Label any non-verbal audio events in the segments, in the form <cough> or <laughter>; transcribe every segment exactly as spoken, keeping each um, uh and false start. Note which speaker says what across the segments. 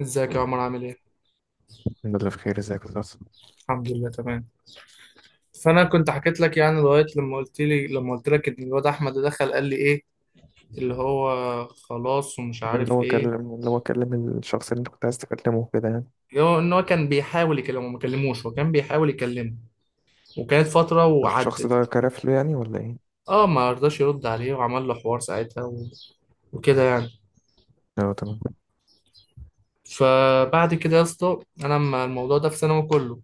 Speaker 1: ازيك يا عمر عامل ايه؟
Speaker 2: الحمد لله بخير ازيك يا أستاذ؟
Speaker 1: الحمد لله تمام. فانا كنت حكيت لك يعني لغايه لما قلت لي لما قلت لك ان الواد احمد ده دخل قال لي ايه، اللي هو خلاص ومش
Speaker 2: اللي
Speaker 1: عارف
Speaker 2: هو
Speaker 1: ايه،
Speaker 2: كلم اللي هو كلم الشخص اللي انت كنت عايز تكلمه كده يعني.
Speaker 1: اللي هو ان هو كان بيحاول يكلمه، ما كلموش، هو كان بيحاول يكلمه وكانت فتره
Speaker 2: الشخص
Speaker 1: وعدت.
Speaker 2: ده كرف له يعني ولا ايه؟
Speaker 1: اه، ما رضاش يرد عليه وعمل له حوار ساعتها و... وكده يعني.
Speaker 2: اه، تمام.
Speaker 1: فبعد كده يا اسطى انا لما الموضوع ده في ثانوي كله،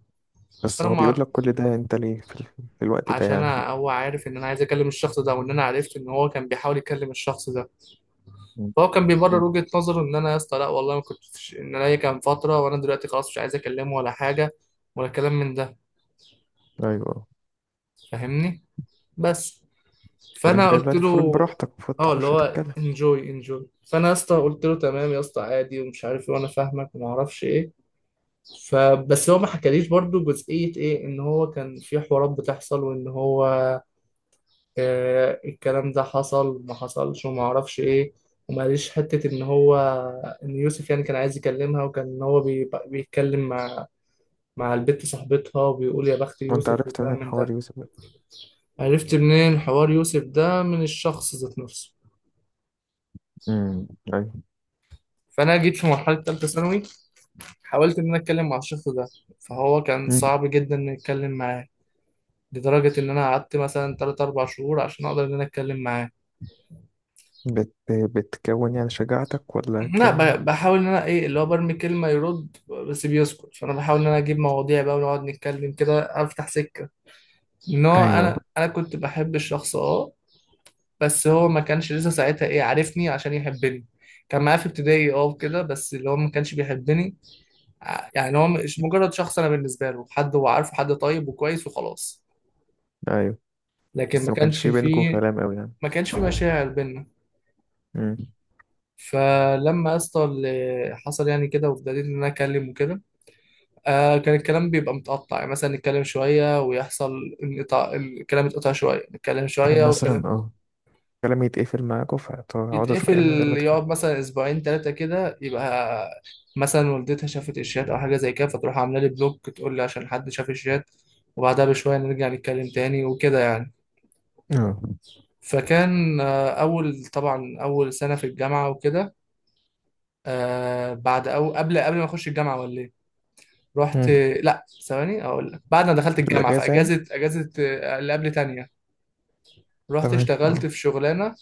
Speaker 2: بس
Speaker 1: فانا
Speaker 2: هو بيقول
Speaker 1: ما
Speaker 2: لك كل ده انت ليه في, ال... في الوقت ده
Speaker 1: عشان
Speaker 2: يعني.
Speaker 1: أنا- هو عارف ان انا عايز اكلم الشخص ده وان انا عرفت ان هو كان بيحاول يكلم الشخص ده،
Speaker 2: م-
Speaker 1: فهو كان
Speaker 2: م.
Speaker 1: بيبرر وجهة نظره ان انا يا اسطى لا والله ما كنتش، ان انا هي كان فترة وانا دلوقتي خلاص مش عايز اكلمه ولا حاجة ولا كلام من ده،
Speaker 2: ايوه.
Speaker 1: فاهمني؟ بس.
Speaker 2: فانت
Speaker 1: فانا
Speaker 2: كده
Speaker 1: قلت
Speaker 2: دلوقتي المفروض
Speaker 1: له
Speaker 2: براحتك، المفروض
Speaker 1: اه، اللي
Speaker 2: تخش
Speaker 1: هو
Speaker 2: تتكلم.
Speaker 1: انجوي انجوي، فانا يا اسطى قلت له تمام يا اسطى، عادي ومش عارف ايه، وانا فاهمك وما اعرفش ايه. فبس هو ما حكاليش برضو جزئية ايه، ان هو كان في حوارات بتحصل وان هو آه، الكلام ده حصل ما حصلش وما اعرفش ايه، وما قاليش حته ان هو ان يوسف يعني كان عايز يكلمها، وكان ان هو بي- بيتكلم مع مع البت صاحبتها وبيقول يا بخت
Speaker 2: وانت
Speaker 1: يوسف
Speaker 2: عرفت من
Speaker 1: والكلام من
Speaker 2: الحوار
Speaker 1: ده.
Speaker 2: يوسف؟
Speaker 1: عرفت منين حوار يوسف ده؟ من الشخص ذات نفسه.
Speaker 2: امم. ايوه.
Speaker 1: فانا جيت في مرحله ثالثه ثانوي، حاولت ان انا اتكلم مع الشخص ده، فهو كان
Speaker 2: م.
Speaker 1: صعب جدا ان اتكلم معاه، لدرجه ان انا قعدت مثلا تلاتة اربعة شهور عشان اقدر ان انا اتكلم معاه.
Speaker 2: بت... بتكون يعني شجاعتك ولا
Speaker 1: لا،
Speaker 2: كان؟
Speaker 1: ب- بحاول ان انا ايه، اللي هو برمي كلمه يرد بس بيسكت، فانا بحاول ان انا اجيب مواضيع بقى ونقعد نتكلم كده، افتح سكه ان هو
Speaker 2: ايوه.
Speaker 1: انا انا كنت بحب الشخص، اه. بس هو ما كانش لسه ساعتها ايه، عارفني عشان يحبني، كان معايا في ابتدائي اه وكده، بس اللي هو ما كانش بيحبني. ع- يعني هو مش مجرد شخص انا بالنسبه له، حد هو عارفه حد طيب وكويس وخلاص،
Speaker 2: ايوه،
Speaker 1: لكن
Speaker 2: بس
Speaker 1: ما
Speaker 2: ما كانش
Speaker 1: كانش
Speaker 2: في بينكم
Speaker 1: فيه،
Speaker 2: كلام قوي يعني.
Speaker 1: ما كانش فيه مشاعر بينا.
Speaker 2: امم.
Speaker 1: فلما يا اسطى اللي حصل يعني كده وابتديت ان انا اكلم وكده، آه كان الكلام بيبقى متقطع، يعني مثلا نتكلم شوية ويحصل انقطاع، الكلام يتقطع شوية، نتكلم
Speaker 2: كان
Speaker 1: شوية
Speaker 2: مثلا
Speaker 1: والكلام
Speaker 2: اه كلام يتقفل معاكوا فتقعدوا
Speaker 1: يتقفل،
Speaker 2: شويه من غير ما تتكلموا.
Speaker 1: يقعد مثلا أسبوعين تلاتة كده، يبقى مثلا والدتها شافت الشات أو حاجة زي كده فتروح عاملة لي بلوك، تقول لي عشان حد شاف الشات، وبعدها بشوية نرجع نتكلم تاني وكده يعني.
Speaker 2: اه.
Speaker 1: فكان آه أول، طبعا أول سنة في الجامعة وكده، آه بعد أو قبل قبل ما أخش الجامعة ولا إيه؟ رحت،
Speaker 2: مم.
Speaker 1: لا ثواني أقول لك، بعد ما دخلت
Speaker 2: في
Speaker 1: الجامعة في
Speaker 2: الأجازة يعني.
Speaker 1: أجازة، أجازة آه، اللي قبل تانية. رحت
Speaker 2: تمام
Speaker 1: اشتغلت
Speaker 2: اه.
Speaker 1: في شغلانه،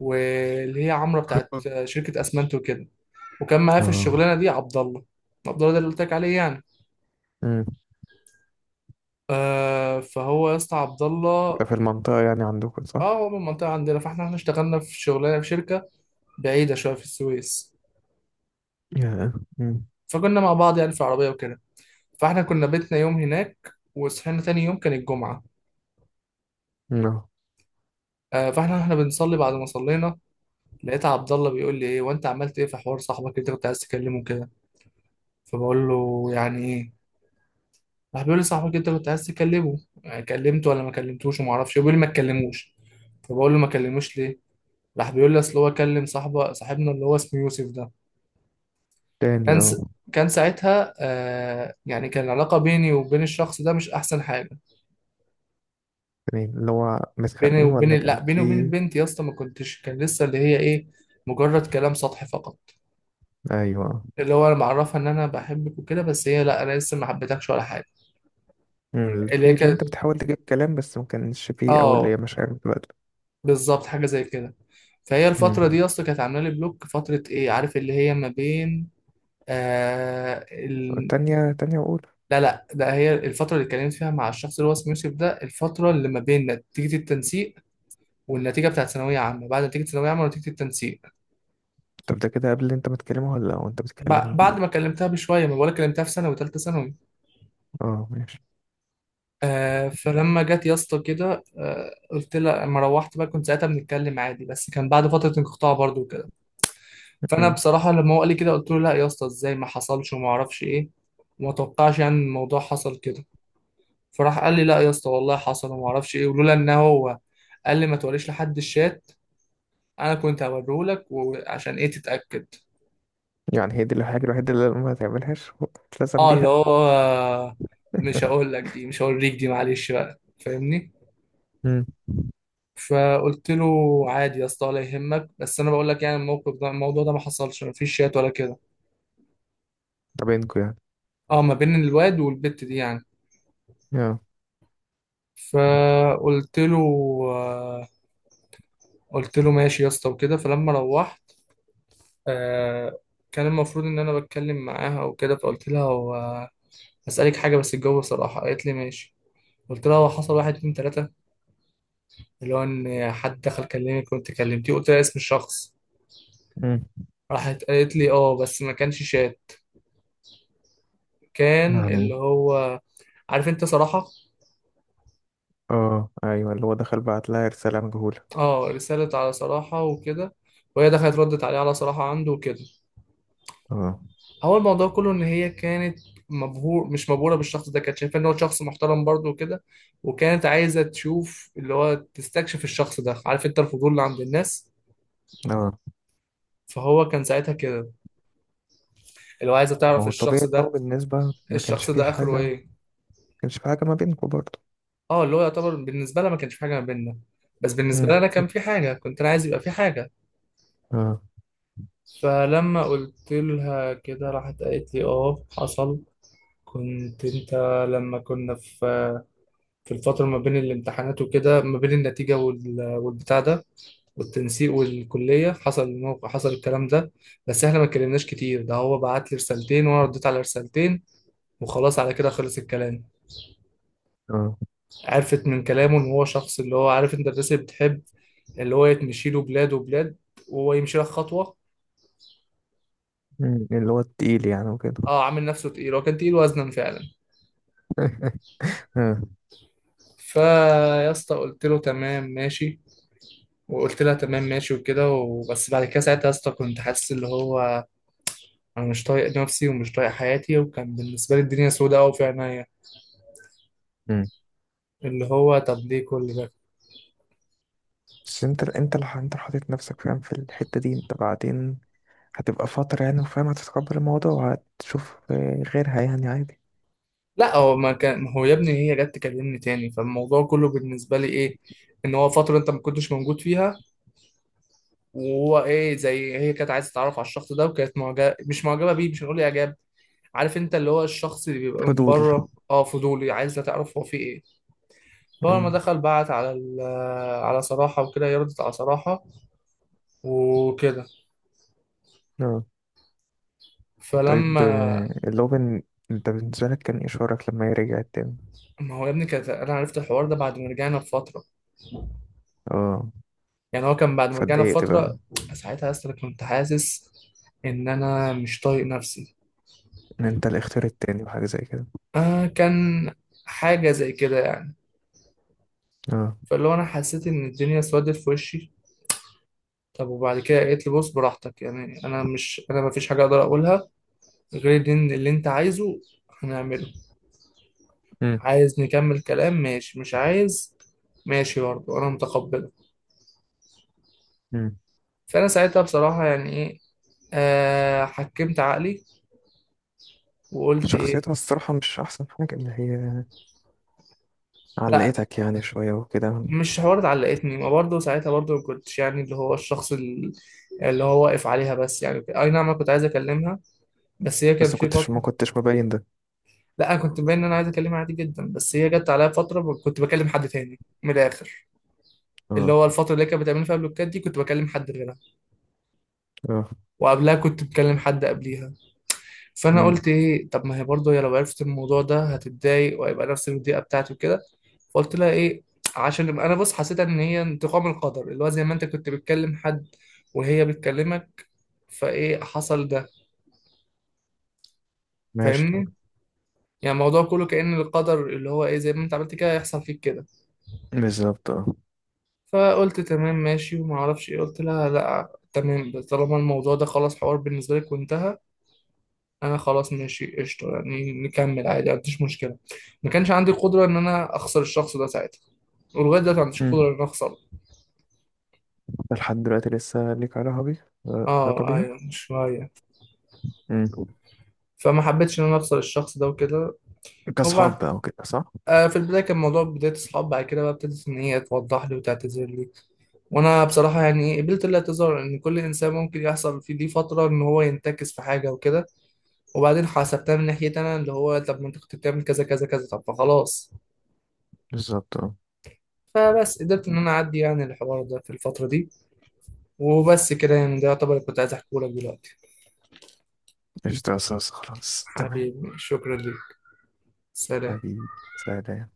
Speaker 1: واللي هي عمرة بتاعت شركه اسمنت وكده، وكان معايا في
Speaker 2: اه.
Speaker 1: الشغلانه دي عبد الله. عبد الله ده اللي قلت لك عليه يعني،
Speaker 2: مم.
Speaker 1: آه. فهو يا اسطى عبد الله،
Speaker 2: ده في المنطقة يعني عندكم صح؟
Speaker 1: اه هو من المنطقه عندنا، فاحنا احنا اشتغلنا في شغلانه في شركه بعيده شويه في السويس،
Speaker 2: يا مم.
Speaker 1: فكنا مع بعض يعني في العربيه وكده. فاحنا كنا بيتنا يوم هناك وصحينا تاني يوم كان الجمعه،
Speaker 2: اه.
Speaker 1: آه فاحنا احنا بنصلي، بعد ما صلينا لقيت عبد الله بيقول لي ايه، وانت عملت ايه في حوار صاحبك اللي انت كنت عايز تكلمه كده؟ فبقول له يعني ايه؟ راح بيقول لي صاحبك انت كنت عايز تكلمه يعني، كلمته ولا ما كلمتوش وما اعرفش؟ بيقول لي ما تكلموش. فبقول له ما كلموش ليه؟ راح بيقول لي اصل هو كلم صاحبه، صاحبنا اللي هو اسمه يوسف ده.
Speaker 2: تاني
Speaker 1: كان
Speaker 2: اه.
Speaker 1: س... كان ساعتها آه يعني كان العلاقه بيني وبين الشخص ده مش احسن حاجه.
Speaker 2: تاني، اللي هو
Speaker 1: بيني
Speaker 2: متخانقين
Speaker 1: وبين
Speaker 2: ولا كان
Speaker 1: لا بيني وبين
Speaker 2: في.
Speaker 1: البنت يا اسطى ما كنتش، كان لسه اللي هي ايه، مجرد كلام سطحي فقط،
Speaker 2: ايوه.
Speaker 1: اللي هو انا معرفها ان انا بحبك وكده، بس هي لا انا لسه ما حبيتكش ولا حاجه.
Speaker 2: مم.
Speaker 1: اللي هي
Speaker 2: في اللي انت
Speaker 1: كانت،
Speaker 2: بتحاول تجيب كلام بس ما كانش فيه، أو اللي
Speaker 1: اه
Speaker 2: هي مشاعر بتبادل.
Speaker 1: بالظبط حاجه زي كده. فهي الفترة
Speaker 2: مم.
Speaker 1: دي أصلا كانت عاملة لي بلوك فترة، إيه عارف، اللي هي ما بين آه ال...
Speaker 2: تانية تانية وأولى.
Speaker 1: لا لا، ده هي الفترة اللي اتكلمت فيها مع الشخص اللي هو اسمه يوسف ده، الفترة اللي ما بين نتيجة التنسيق والنتيجة بتاعت ثانوية عامة، بعد نتيجة ثانوية عامة ونتيجة التنسيق.
Speaker 2: طب ده كده قبل اللي انت بتكلمها ولا وانت
Speaker 1: ب...
Speaker 2: بتكلمها؟
Speaker 1: بعد ما كلمتها بشوية، ما بقولك كلمتها في ثانوي وثالثة ثانوي.
Speaker 2: اه، ماشي.
Speaker 1: آه فلما جت يا اسطى كده آه، قلت لها لما روحت بقى كنت ساعتها بنتكلم عادي، بس كان بعد فترة انقطاع برضو. فانا
Speaker 2: مم.
Speaker 1: بصراحه لما هو قال لي كده قلت له لا يا اسطى ازاي، ما حصلش وما اعرفش ايه، وما توقعش يعني إن الموضوع حصل كده. فراح قال لي لا يا اسطى والله حصل وما اعرفش ايه، ولولا ان هو قال لي ما توريش لحد الشات، انا كنت هوريه لك وعشان ايه تتاكد.
Speaker 2: يعني هي دي الحاجة الوحيدة اللي ما تعملهاش وتلزم
Speaker 1: اه اللي
Speaker 2: بيها.
Speaker 1: هو مش
Speaker 2: <laughs>
Speaker 1: هقول لك دي، مش هوريك دي، معلش بقى فاهمني.
Speaker 2: مم.
Speaker 1: فقلت له عادي يا اسطى ولا يهمك، بس انا بقول لك يعني الموقف ده، الموضوع ده ما حصلش، ما فيش شات ولا كده.
Speaker 2: ده بينكوا يعني.
Speaker 1: اه، ما بين الواد والبت دي يعني.
Speaker 2: اه.
Speaker 1: فقلت له، قلت له ماشي يا اسطى وكده. فلما روحت آه، كان المفروض ان انا بتكلم معاها وكده، فقلت لها هو هسألك حاجة بس الجو صراحة، قالت لي ماشي. قلت لها هو حصل واحد اتنين تلاتة، اللي هو ان حد دخل كلمك وانت كلمتيه، قلت لها اسم الشخص.
Speaker 2: مم.
Speaker 1: راحت قالت لي اه، بس ما كانش شات، كان
Speaker 2: يعني،
Speaker 1: اللي هو عارف انت صراحة.
Speaker 2: اه، ايوه اللي هو دخل بعت لها رسالة مجهولة.
Speaker 1: اه، رسالة على صراحة وكده، وهي دخلت ردت عليه على صراحة عنده وكده.
Speaker 2: اه.
Speaker 1: هو الموضوع كله ان هي كانت مبهور مش مبهوره بالشخص ده، كانت شايفه ان هو شخص محترم برضه وكده، وكانت عايزه تشوف اللي هو تستكشف الشخص ده، عارف انت الفضول اللي عند الناس.
Speaker 2: اه،
Speaker 1: فهو كان ساعتها كده اللي هو عايزه
Speaker 2: ما
Speaker 1: تعرف
Speaker 2: هو الطبيعي
Speaker 1: الشخص
Speaker 2: ان هو
Speaker 1: ده،
Speaker 2: بالنسبة ما كانش
Speaker 1: الشخص
Speaker 2: فيه
Speaker 1: ده
Speaker 2: حاجة
Speaker 1: اخره
Speaker 2: ما
Speaker 1: ايه.
Speaker 2: كانش فيه حاجة ما بينكم برضه.
Speaker 1: اه اللي هو يعتبر بالنسبه لها ما كانش في حاجه ما بيننا، بس بالنسبه
Speaker 2: مم.
Speaker 1: لي انا كان في حاجه، كنت انا عايز يبقى في حاجه.
Speaker 2: اه.
Speaker 1: فلما قلت لها كده راحت قالت لي اه حصل، كنت انت لما كنا في في الفترة ما بين الامتحانات وكده، ما بين النتيجة وال- والبتاع ده، والتنسيق والكلية حصل الموقع، حصل الكلام ده، بس احنا ما اتكلمناش كتير، ده هو بعت لي رسالتين وانا رديت على رسالتين، وخلاص على كده خلص الكلام.
Speaker 2: اه.
Speaker 1: عرفت من كلامه ان هو شخص اللي هو عارف انت الناس اللي بتحب اللي هو يتمشي له بلاد وبلاد وهو يمشي لك خطوة.
Speaker 2: مم. اللي هو التقيل يعني وكده.
Speaker 1: اه عامل نفسه تقيل، هو كان تقيل وزنا فعلا.
Speaker 2: <laughs> اه.
Speaker 1: فيا اسطى قلت له تمام ماشي، وقلت لها تمام ماشي وكده. وبس بعد كده ساعتها يا اسطى كنت حاسس اللي هو انا مش طايق نفسي ومش طايق حياتي، وكان بالنسبه لي الدنيا سوداء قوي في عينيا،
Speaker 2: مم.
Speaker 1: اللي هو طب ليه كل ده.
Speaker 2: بس انت انت اللي انت اللي حاطط نفسك فاهم في الحتة دي. انت بعدين هتبقى فترة يعني، وفاهم هتتقبل الموضوع. هتشوف آه، غيرها يعني عادي.
Speaker 1: لا هو ما كان، ما هو يا ابني هي جت تكلمني تاني، فالموضوع كله بالنسبه لي ايه، ان هو فتره انت ما كنتش موجود فيها، وهو ايه زي هي كانت عايزه تتعرف على الشخص ده، وكانت معجبه، مش معجبه بيه مش هنقول اعجاب، عارف انت اللي هو الشخص اللي بيبقى من
Speaker 2: فضول.
Speaker 1: بره اه، فضولي عايز تعرف هو فيه ايه. فهو لما
Speaker 2: مم.
Speaker 1: دخل بعت على ال- على صراحه وكده، هي ردت على صراحه وكده.
Speaker 2: اه. طيب
Speaker 1: فلما،
Speaker 2: آه، اللي هو بن- انت بالنسبة لك كان ايه شعورك لما هي رجعت تاني؟
Speaker 1: ما هو يا ابني كانت، انا عرفت الحوار ده بعد ما رجعنا بفتره،
Speaker 2: اه،
Speaker 1: يعني هو كان بعد ما رجعنا
Speaker 2: فاتضايقت
Speaker 1: بفتره.
Speaker 2: بقى.
Speaker 1: ساعتها يا اسطى أنا كنت حاسس ان انا مش طايق نفسي،
Speaker 2: ان انت الاختيار التاني وحاجه زي كده.
Speaker 1: آه كان حاجه زي كده يعني.
Speaker 2: اه.
Speaker 1: فاللي هو انا حسيت ان الدنيا اسودت في وشي، طب وبعد كده قالت لي بص براحتك يعني، انا مش انا ما فيش حاجه اقدر اقولها غير ان اللي انت عايزه هنعمله،
Speaker 2: امم.
Speaker 1: عايز نكمل كلام ماشي، مش عايز ماشي برضه انا متقبله.
Speaker 2: امم.
Speaker 1: فانا ساعتها بصراحه يعني ايه، آه حكمت عقلي وقلت إيه،
Speaker 2: شخصيتها الصراحه مش احسن حاجه، اللي هي
Speaker 1: لا
Speaker 2: علقتك يعني شويه وكده.
Speaker 1: مش حوار اتعلقتني، ما برضه ساعتها برضه ما كنتش يعني اللي هو الشخص ال- اللي هو واقف عليها، بس يعني اي نعم انا كنت عايز اكلمها، بس هي كان
Speaker 2: بس ما
Speaker 1: في
Speaker 2: كنتش
Speaker 1: فتره.
Speaker 2: ما كنتش مبين ده.
Speaker 1: لا انا كنت باين ان انا عايز اكلمها عادي جدا، بس هي جت عليا فتره ب- كنت بكلم حد تاني من الاخر، اللي
Speaker 2: اه.
Speaker 1: هو الفتره اللي هي كانت بتعمل فيها بلوكات دي كنت بكلم حد غيرها،
Speaker 2: اه.
Speaker 1: وقبلها كنت بكلم حد قبليها. فانا
Speaker 2: امم.
Speaker 1: قلت ايه، طب ما هي برضه هي لو عرفت الموضوع ده هتتضايق وهيبقى نفس الضيقه بتاعتي وكده، فقلت لها ايه، عشان يبقى انا بص حسيت ان هي انتقام القدر اللي هو زي ما انت كنت بتكلم حد وهي بتكلمك، فايه حصل ده،
Speaker 2: ماشي.
Speaker 1: فاهمني. يعني الموضوع كله كأن القدر اللي هو ايه زي ما انت عملت كده هيحصل فيك كده.
Speaker 2: بالظبط اه.
Speaker 1: فقلت تمام ماشي وما اعرفش ايه، قلت لها لا تمام، طالما الموضوع ده خلاص حوار بالنسبه لك وانتهى، انا خلاص ماشي قشطه يعني نكمل عادي، ما عنديش مشكله، ما كانش عندي القدره ان انا اخسر الشخص ده ساعتها، ولغايه دلوقتي ما عنديش قدره
Speaker 2: امم.
Speaker 1: ان انا اخسره.
Speaker 2: ده لحد دلوقتي لسه ليك علاقه بيها آه، علاقه
Speaker 1: اه
Speaker 2: بيها
Speaker 1: ايوه شويه،
Speaker 2: امم.
Speaker 1: فما حبيتش ان انا اخسر الشخص ده وكده. وبعد
Speaker 2: كاصحاب بقى وكده صح؟
Speaker 1: آه في البدايه كان موضوع بدايه اصحاب، بعد كده بقى ابتدت ان هي توضح لي وتعتذر لي، وانا بصراحه يعني إيه، قبلت الاعتذار، ان كل انسان ممكن يحصل في دي فتره ان هو ينتكس في حاجه وكده، وبعدين حسبتها من ناحيتي انا اللي هو طب ما انت كنت بتعمل كذا كذا كذا، طب فخلاص.
Speaker 2: بالظبط اه.
Speaker 1: فبس قدرت ان انا اعدي يعني الحوار ده في الفترة دي. وبس كده يعني، ده يعتبر اللي كنت عايز احكيه لك دلوقتي.
Speaker 2: قشطة يا أستاذ، خلاص تمام.
Speaker 1: حبيبي شكرا ليك، سلام.
Speaker 2: حبيبي. سلام.